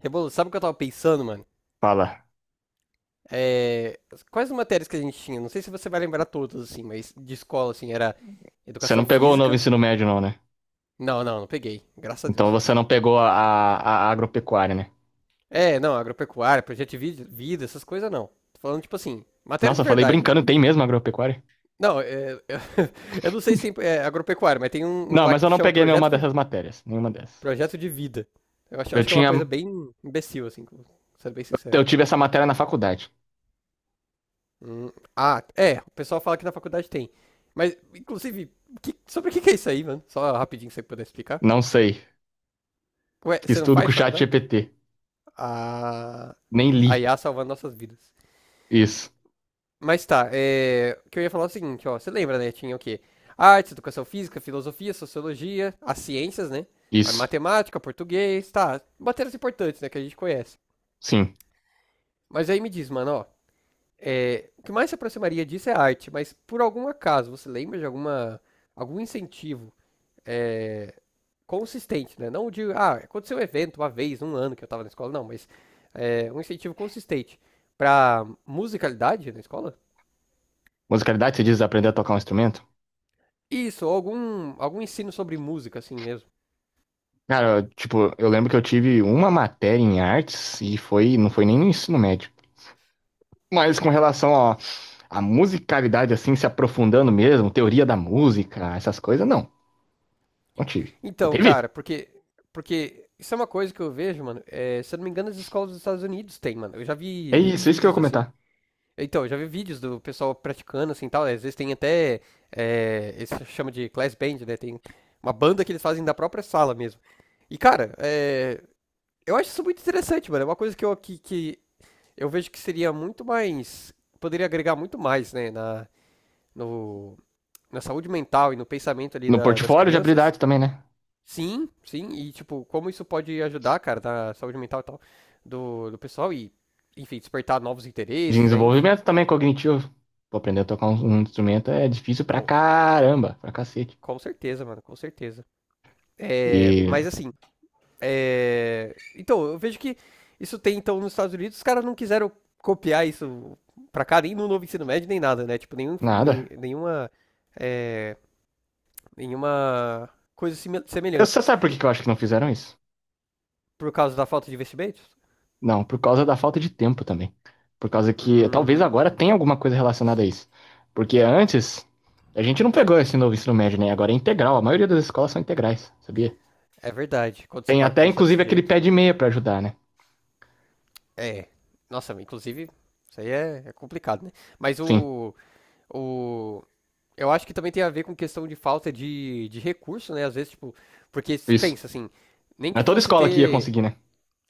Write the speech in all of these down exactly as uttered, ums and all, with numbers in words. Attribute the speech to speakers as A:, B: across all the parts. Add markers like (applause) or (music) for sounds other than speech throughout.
A: Rebolo, sabe o que eu tava pensando, mano?
B: Fala.
A: É, Quais as matérias que a gente tinha? Não sei se você vai lembrar todas, assim, mas de escola, assim, era
B: Você não
A: educação
B: pegou o novo
A: física.
B: ensino médio, não, né?
A: Não, não, não peguei. Graças a
B: Então
A: Deus.
B: você não pegou a, a, a agropecuária, né?
A: É, não, agropecuária, projeto de vida, vida, essas coisas não. Tô falando, tipo assim, matéria
B: Nossa,
A: de
B: eu falei
A: verdade, né?
B: brincando, tem mesmo agropecuária?
A: Não, é, (laughs) eu não sei se tem é, agropecuária, mas tem um, um
B: Não,
A: lá
B: mas
A: que
B: eu não
A: chama
B: peguei nenhuma
A: projeto de,
B: dessas matérias. Nenhuma dessas.
A: projeto de vida. Eu acho,
B: Eu
A: acho que é uma
B: tinha.
A: coisa bem imbecil, assim, sendo bem sincero.
B: Eu tive essa matéria na faculdade.
A: Hum, ah, é, o pessoal fala que na faculdade tem. Mas, inclusive, que- sobre o que que é isso aí, mano? Só rapidinho, se você puder explicar.
B: Não sei.
A: Ué,
B: Fiz
A: você não
B: tudo com o
A: faz
B: chat
A: faculdade?
B: G P T.
A: Ah,
B: Nem li.
A: a I A salvando nossas vidas.
B: Isso.
A: Mas tá, é, o que eu ia falar é o seguinte, ó, você lembra, né? Tinha o quê? Artes, educação física, filosofia, sociologia, as ciências, né? A
B: Isso.
A: matemática, português, tá, matérias importantes, né, que a gente conhece.
B: Sim.
A: Mas aí me diz, mano, ó, é, o que mais se aproximaria disso é arte, mas por algum acaso, você lembra de alguma, algum incentivo é, consistente, né? Não de, ah, aconteceu um evento uma vez, um ano que eu tava na escola, não, mas é, um incentivo consistente para musicalidade na escola?
B: Musicalidade, você diz aprender a tocar um instrumento?
A: Isso, algum, algum ensino sobre música, assim mesmo.
B: Cara, eu, tipo, eu lembro que eu tive uma matéria em artes e foi, não foi nem no ensino médio. Mas com relação a musicalidade assim, se aprofundando mesmo, teoria da música, essas coisas, não. Não tive. Você
A: Então,
B: teve?
A: cara, porque, porque isso é uma coisa que eu vejo, mano. É, se eu não me engano, as escolas dos Estados Unidos têm, mano. Eu já
B: É
A: vi
B: isso, isso que eu ia
A: vídeos assim.
B: comentar.
A: Então, eu já vi vídeos do pessoal praticando, assim, tal. Às vezes tem até, é, eles chamam de class band, né? Tem uma banda que eles fazem da própria sala mesmo. E, cara, é, eu acho isso muito interessante, mano. É uma coisa que eu, que, que eu vejo que seria muito mais. Poderia agregar muito mais, né? Na, no, na saúde mental e no pensamento ali
B: No
A: da- das
B: portfólio de
A: crianças.
B: habilidades também, né?
A: Sim, sim. E, tipo, como isso pode ajudar, cara, na saúde mental e tal do, do pessoal e, enfim, despertar novos
B: De
A: interesses, né? Enfim,
B: desenvolvimento também cognitivo. Pô, aprender a tocar um, um instrumento é difícil pra
A: com,
B: caramba, pra cacete.
A: com certeza, mano, com certeza. É,
B: E
A: mas, assim, É, então, eu vejo que isso tem, então, nos Estados Unidos, os caras não quiseram copiar isso pra cá, nem no novo ensino médio, nem nada, né? Tipo, nenhum,
B: nada.
A: nenhuma, é, nenhuma coisa sime-
B: Eu-
A: semelhante.
B: Você sabe por que que eu acho que não fizeram isso?
A: Por causa da falta de investimentos?
B: Não, por causa da falta de tempo também. Por causa que talvez
A: Hum,
B: agora tenha alguma coisa relacionada a isso. Porque antes, a gente não pegou esse novo ensino médio, né? Agora é integral. A maioria das escolas são integrais, sabia?
A: é verdade. Quando você
B: Tem
A: para pra
B: até,
A: pensar
B: inclusive,
A: desse
B: aquele
A: jeito.
B: pé de meia pra ajudar, né?
A: É. Nossa, inclusive, isso aí é, é complicado, né? Mas
B: Sim,
A: o, o. Eu acho que também tem a ver com questão de falta de, de recurso, né? Às vezes, tipo. Porque se
B: isso.
A: pensa assim, nem
B: Não é
A: que
B: toda
A: fosse
B: escola que ia
A: ter
B: conseguir, né?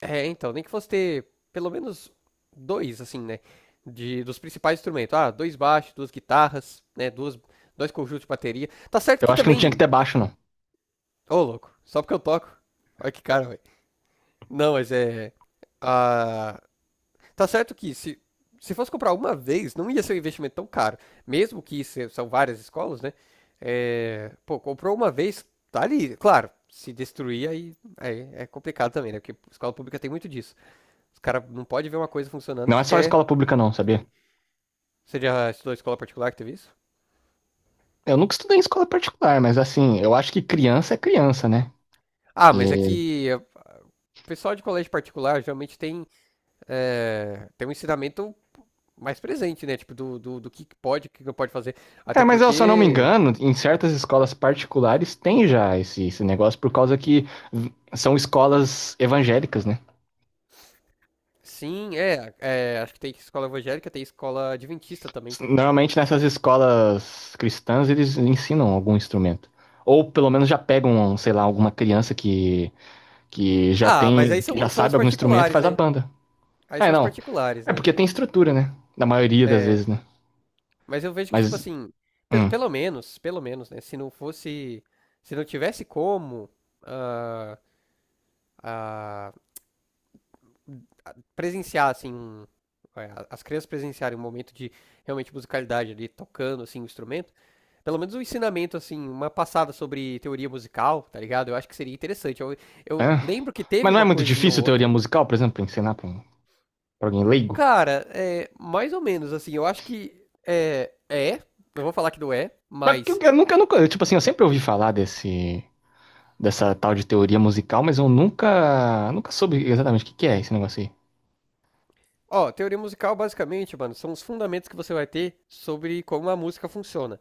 A: É, então, nem que fosse ter pelo menos dois, assim, né? De, dos principais instrumentos. Ah, dois baixos, duas guitarras, né? Duas, dois conjuntos de bateria. Tá certo
B: Eu
A: que
B: acho que não tinha que
A: também.
B: ter baixo, não.
A: Ô, louco, só porque eu toco. Olha que cara, velho. Não, mas é. Ah, tá certo que se, se fosse comprar uma vez, não ia ser um investimento tão caro. Mesmo que se- são várias escolas, né? É, pô, comprou uma vez, tá ali. Claro, se destruir, aí, aí é complicado também, né? Porque escola pública tem muito disso. Os caras não podem ver uma coisa funcionando
B: Não
A: que
B: é só
A: quer
B: escola pública, não, sabia?
A: destruir. Você já estudou escola particular que teve isso?
B: Eu nunca estudei em escola particular, mas assim, eu acho que criança é criança, né?
A: Ah, mas é
B: E-
A: que eh, o pessoal de colégio particular geralmente tem, é, tem um ensinamento mais presente, né? Tipo, do, do, do que pode, o que não pode fazer. Até
B: É, mas eu, se eu não me
A: porque,
B: engano, em certas escolas particulares tem já esse, esse negócio por causa que v- são escolas evangélicas, né?
A: sim, é, é, acho que tem escola evangélica, tem escola adventista também.
B: Normalmente nessas escolas cristãs eles ensinam algum instrumento. Ou pelo menos já pegam, sei lá, alguma criança que que já
A: Ah, mas
B: tem,
A: aí
B: que
A: são,
B: já
A: são as
B: sabe algum instrumento,
A: particulares,
B: faz a
A: né?
B: banda.
A: Aí
B: É,
A: são as
B: não.
A: particulares,
B: É
A: né?
B: porque tem estrutura, né? Na maioria das vezes, né?
A: Mas eu vejo que, tipo
B: Mas,
A: assim, pe-
B: hum,
A: pelo menos, pelo menos, né? Se não fosse, se não tivesse como, ah, presenciar, assim, um- é, as crianças presenciarem um momento de realmente musicalidade ali, tocando, assim, o instrumento, pelo menos um ensinamento, assim, uma passada sobre teoria musical, tá ligado? Eu acho que seria interessante. Eu, eu
B: é.
A: lembro que
B: Mas
A: teve
B: não é
A: uma
B: muito
A: coisinha ou
B: difícil teoria
A: outra.
B: musical, por exemplo, pra ensinar pra, um- pra alguém leigo?
A: Cara, é, mais ou menos, assim, eu acho que é, é, não vou falar que não é,
B: Mas que eu,
A: mas
B: eu nunca, nunca, tipo assim, eu sempre ouvi falar desse, dessa tal de teoria musical, mas eu nunca, nunca soube exatamente o que que é esse negócio aí.
A: Ó, teoria musical basicamente, mano, são os fundamentos que você vai ter sobre como a música funciona.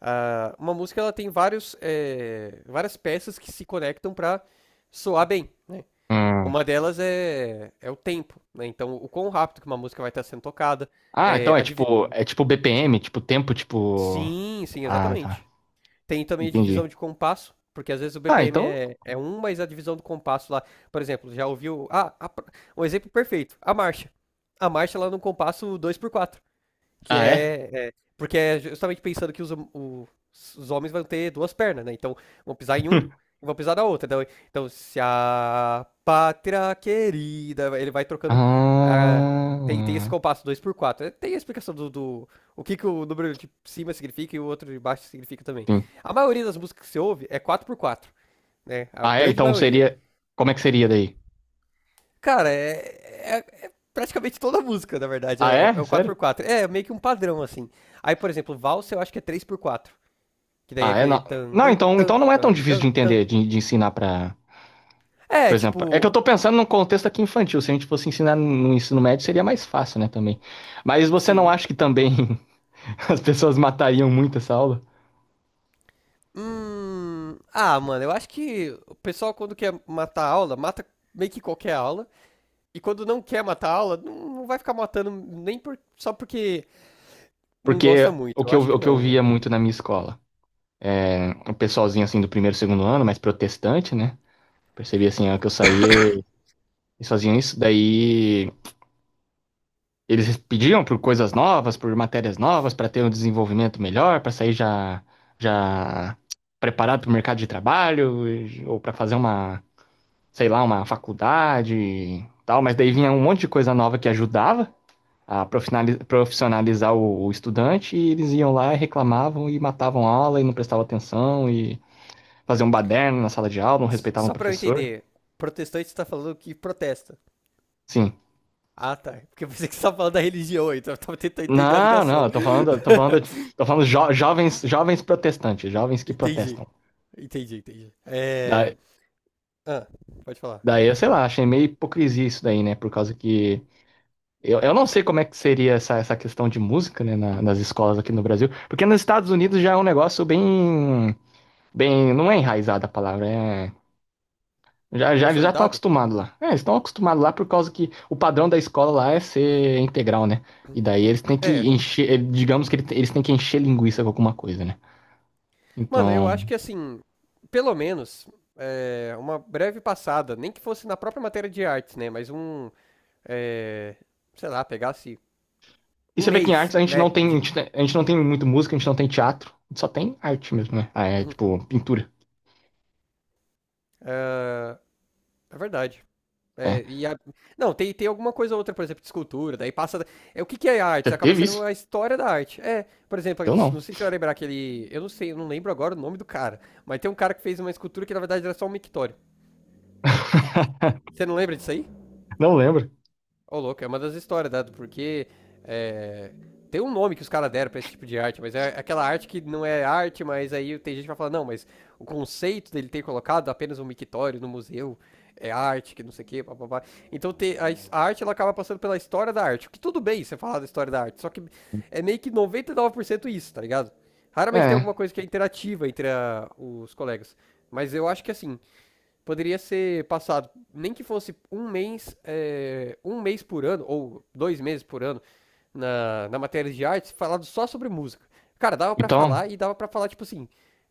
A: Ah, uma música ela tem vários, eh, várias peças que se conectam para soar bem, né?
B: Hum.
A: Uma delas é, é o tempo, né? Então, o quão rápido que uma música vai estar sendo tocada.
B: Ah,
A: eh,
B: então é
A: a divi-
B: tipo, é tipo B P M, tipo tempo, tipo...
A: Sim, sim,
B: Ah, tá.
A: exatamente. Tem também a
B: Entendi.
A: divisão de compasso, porque às vezes o
B: Ah,
A: B P M
B: então...
A: é, é um, mas a divisão do compasso lá, por exemplo, já ouviu. Ah, a pr- um exemplo perfeito, a marcha. A marcha lá no compasso dois por quatro. Que
B: Ah, é?
A: é, é, Porque é justamente pensando que os, hom- o- os homens vão ter duas pernas, né? Então vão pisar em um
B: (laughs)
A: e vão pisar na outra. Então, então se a pátria querida. Ele vai trocando. ah, tem, tem esse
B: Ah,
A: compasso dois por quatro. É, Tem a explicação do, do- O que, que o número de cima significa e o outro de baixo significa também. A maioria das músicas que você ouve é quatro por quatro, né? A
B: Ah, é?
A: grande
B: Então
A: maioria.
B: seria. Como é que seria daí?
A: Cara, é, é- é praticamente toda a música, na verdade.
B: Ah,
A: É, é é
B: é?
A: o quatro
B: Sério?
A: por quatro É meio que um padrão, assim. Aí, por exemplo, valsa eu acho que é três por quatro. Que daí é
B: Ah, é?
A: aquele
B: Não,
A: tan,
B: não
A: dan,
B: então,
A: tan,
B: então não é tão
A: tan,
B: difícil
A: dan,
B: de
A: tan.
B: entender, de, de ensinar pra. Por
A: É,
B: exemplo, é que eu
A: tipo,
B: tô pensando num contexto aqui infantil. Se a gente fosse ensinar no ensino médio, seria mais fácil, né, também. Mas você não
A: sim.
B: acha que também (laughs) as pessoas matariam muito essa aula?
A: Hum. Ah, mano, eu acho que o pessoal quando quer matar a aula, mata meio que qualquer aula. E quando não quer matar a aula, não, não vai ficar matando nem por- só porque não
B: Porque
A: gosta muito.
B: o
A: Eu
B: que eu,
A: acho que
B: o que eu
A: não,
B: via
A: velho.
B: muito na minha escola, é, um pessoalzinho assim do primeiro, segundo ano, mais protestante, né? Percebi assim, a hora que eu saí eles faziam isso. Daí eles pediam por coisas novas, por matérias novas, para ter um desenvolvimento melhor, para sair já, já preparado para o mercado de trabalho, e- ou para fazer uma, sei lá, uma faculdade e tal. Mas daí vinha um monte de coisa nova que ajudava a profinali- profissionalizar o, o estudante, e eles iam lá e reclamavam e matavam a aula e não prestavam atenção e faziam um baderno na sala de aula, não
A: S-
B: respeitavam o
A: Só pra eu
B: professor.
A: entender, protestante tá falando que protesta.
B: Sim.
A: Ah, tá. Porque eu pensei que você tava falando da religião aí, então eu tava tentando entender a
B: Não, não,
A: ligação.
B: eu tô falando, tô falando,
A: (laughs)
B: tô falando jo- jovens, jovens protestantes, jovens que
A: Entendi.
B: protestam.
A: Entendi, entendi.
B: Da-
A: É. Ah, pode falar.
B: Daí, eu sei lá, achei meio hipocrisia isso daí, né? Por causa que. Eu, eu não sei como é que seria essa, essa questão de música, né, na- nas escolas aqui no Brasil. Porque nos Estados Unidos já é um negócio bem. Bem. Não é enraizada a palavra, é. Já, já, eles já estão
A: Consolidado?
B: acostumados lá. É, eles estão acostumados lá por causa que o padrão da escola lá é ser integral, né? E daí eles têm que
A: É.
B: encher. eh, Digamos que ele- eles têm que encher linguiça com alguma coisa, né?
A: Mano, eu
B: Então.
A: acho que assim, pelo menos, é, uma breve passada, nem que fosse na própria matéria de artes, né? Mas um. é, sei lá, pegasse
B: E
A: um
B: você vê que em
A: mês,
B: artes a gente
A: né?
B: não tem. A
A: De...
B: gente, a gente não tem muito música, a gente não tem teatro. A gente só tem arte mesmo, né? Ah, é tipo pintura.
A: É verdade.
B: É.
A: É, e a- Não, tem, tem alguma coisa ou outra, por exemplo, de escultura, daí passa. da- É, o que que é arte?
B: Você
A: Isso acaba
B: teve
A: sendo
B: isso?
A: a história da arte. É, por exemplo, eu
B: Eu
A: não
B: não.
A: sei se você vai lembrar aquele. Eu não sei, eu não lembro agora o nome do cara, mas tem um cara que fez uma escultura que na verdade era só um mictório.
B: (laughs)
A: Você não lembra disso aí?
B: Não lembro.
A: Ô, louco, é uma das histórias, dado, porque é, tem um nome que os caras deram pra esse tipo de arte, mas é aquela arte que não é arte, mas aí tem gente que vai falar, não, mas o conceito dele ter colocado apenas um mictório no museu é arte, que não sei o quê, papapá. Então te- a, a arte ela acaba passando pela história da arte, o que tudo bem você falar da história da arte, só que é meio que noventa e nove por cento isso, tá ligado? Raramente tem alguma
B: É.
A: coisa que é interativa entre a- os colegas. Mas eu acho que assim, poderia ser passado, nem que fosse um mês, é, um mês por ano, ou dois meses por ano, na, na matéria de artes, falado só sobre música. Cara, dava pra
B: Então,
A: falar e dava pra falar, tipo assim,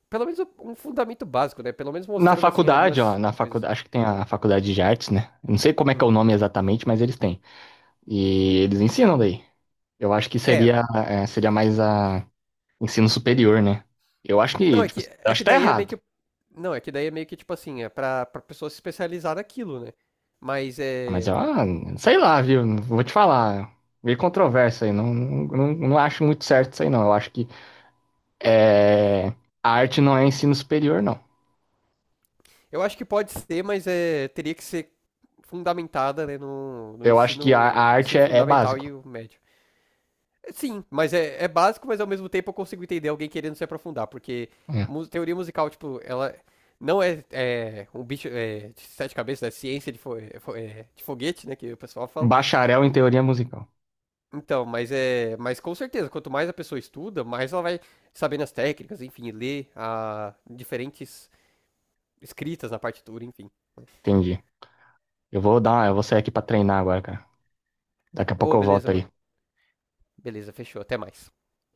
A: pelo menos um um fundamento básico, né? Pelo menos
B: na
A: mostrando, assim,
B: faculdade, ó,
A: algumas
B: na
A: coisas.
B: faculdade, acho que tem a faculdade de artes, né? Não sei como é que é o
A: Hum.
B: nome exatamente, mas eles têm. E eles ensinam daí. Eu acho que
A: É,
B: seria, é, seria mais a ensino superior, né? Eu acho
A: não,
B: que,
A: é
B: tipo,
A: que,
B: eu
A: é
B: acho
A: que
B: que tá
A: daí é meio
B: errado.
A: que. Não, é que daí é meio que, tipo assim, é pra, pra pessoa se especializar naquilo, né? Mas
B: Mas,
A: é.
B: ah, sei lá, viu? Vou te falar. Meio controverso aí. Não, não, não acho muito certo isso aí, não. Eu acho que é, a arte não é ensino superior, não.
A: Eu acho que pode ser, mas é, teria que ser fundamentada, né, no, no
B: Eu acho que a, a
A: ensino,
B: arte
A: ensino
B: é é
A: fundamental
B: básico.
A: e o médio. É, Sim, mas é, é básico, mas ao mesmo tempo eu consigo entender alguém querendo se aprofundar, porque
B: É.
A: mu- teoria musical, tipo, ela não é, é, um bicho é, de sete cabeças, é ciência de, fo- é, fo- é, de foguete, né, que o pessoal fala.
B: Bacharel em teoria musical.
A: Então, mas é, mas com certeza, quanto mais a pessoa estuda, mais ela vai sabendo as técnicas, enfim, ler a diferentes escritas na partitura, enfim.
B: Entendi. Eu vou dar, eu vou sair aqui pra treinar agora, cara. Daqui a pouco
A: Ô,
B: eu
A: beleza,
B: volto
A: mano.
B: aí.
A: Beleza, fechou. Até mais.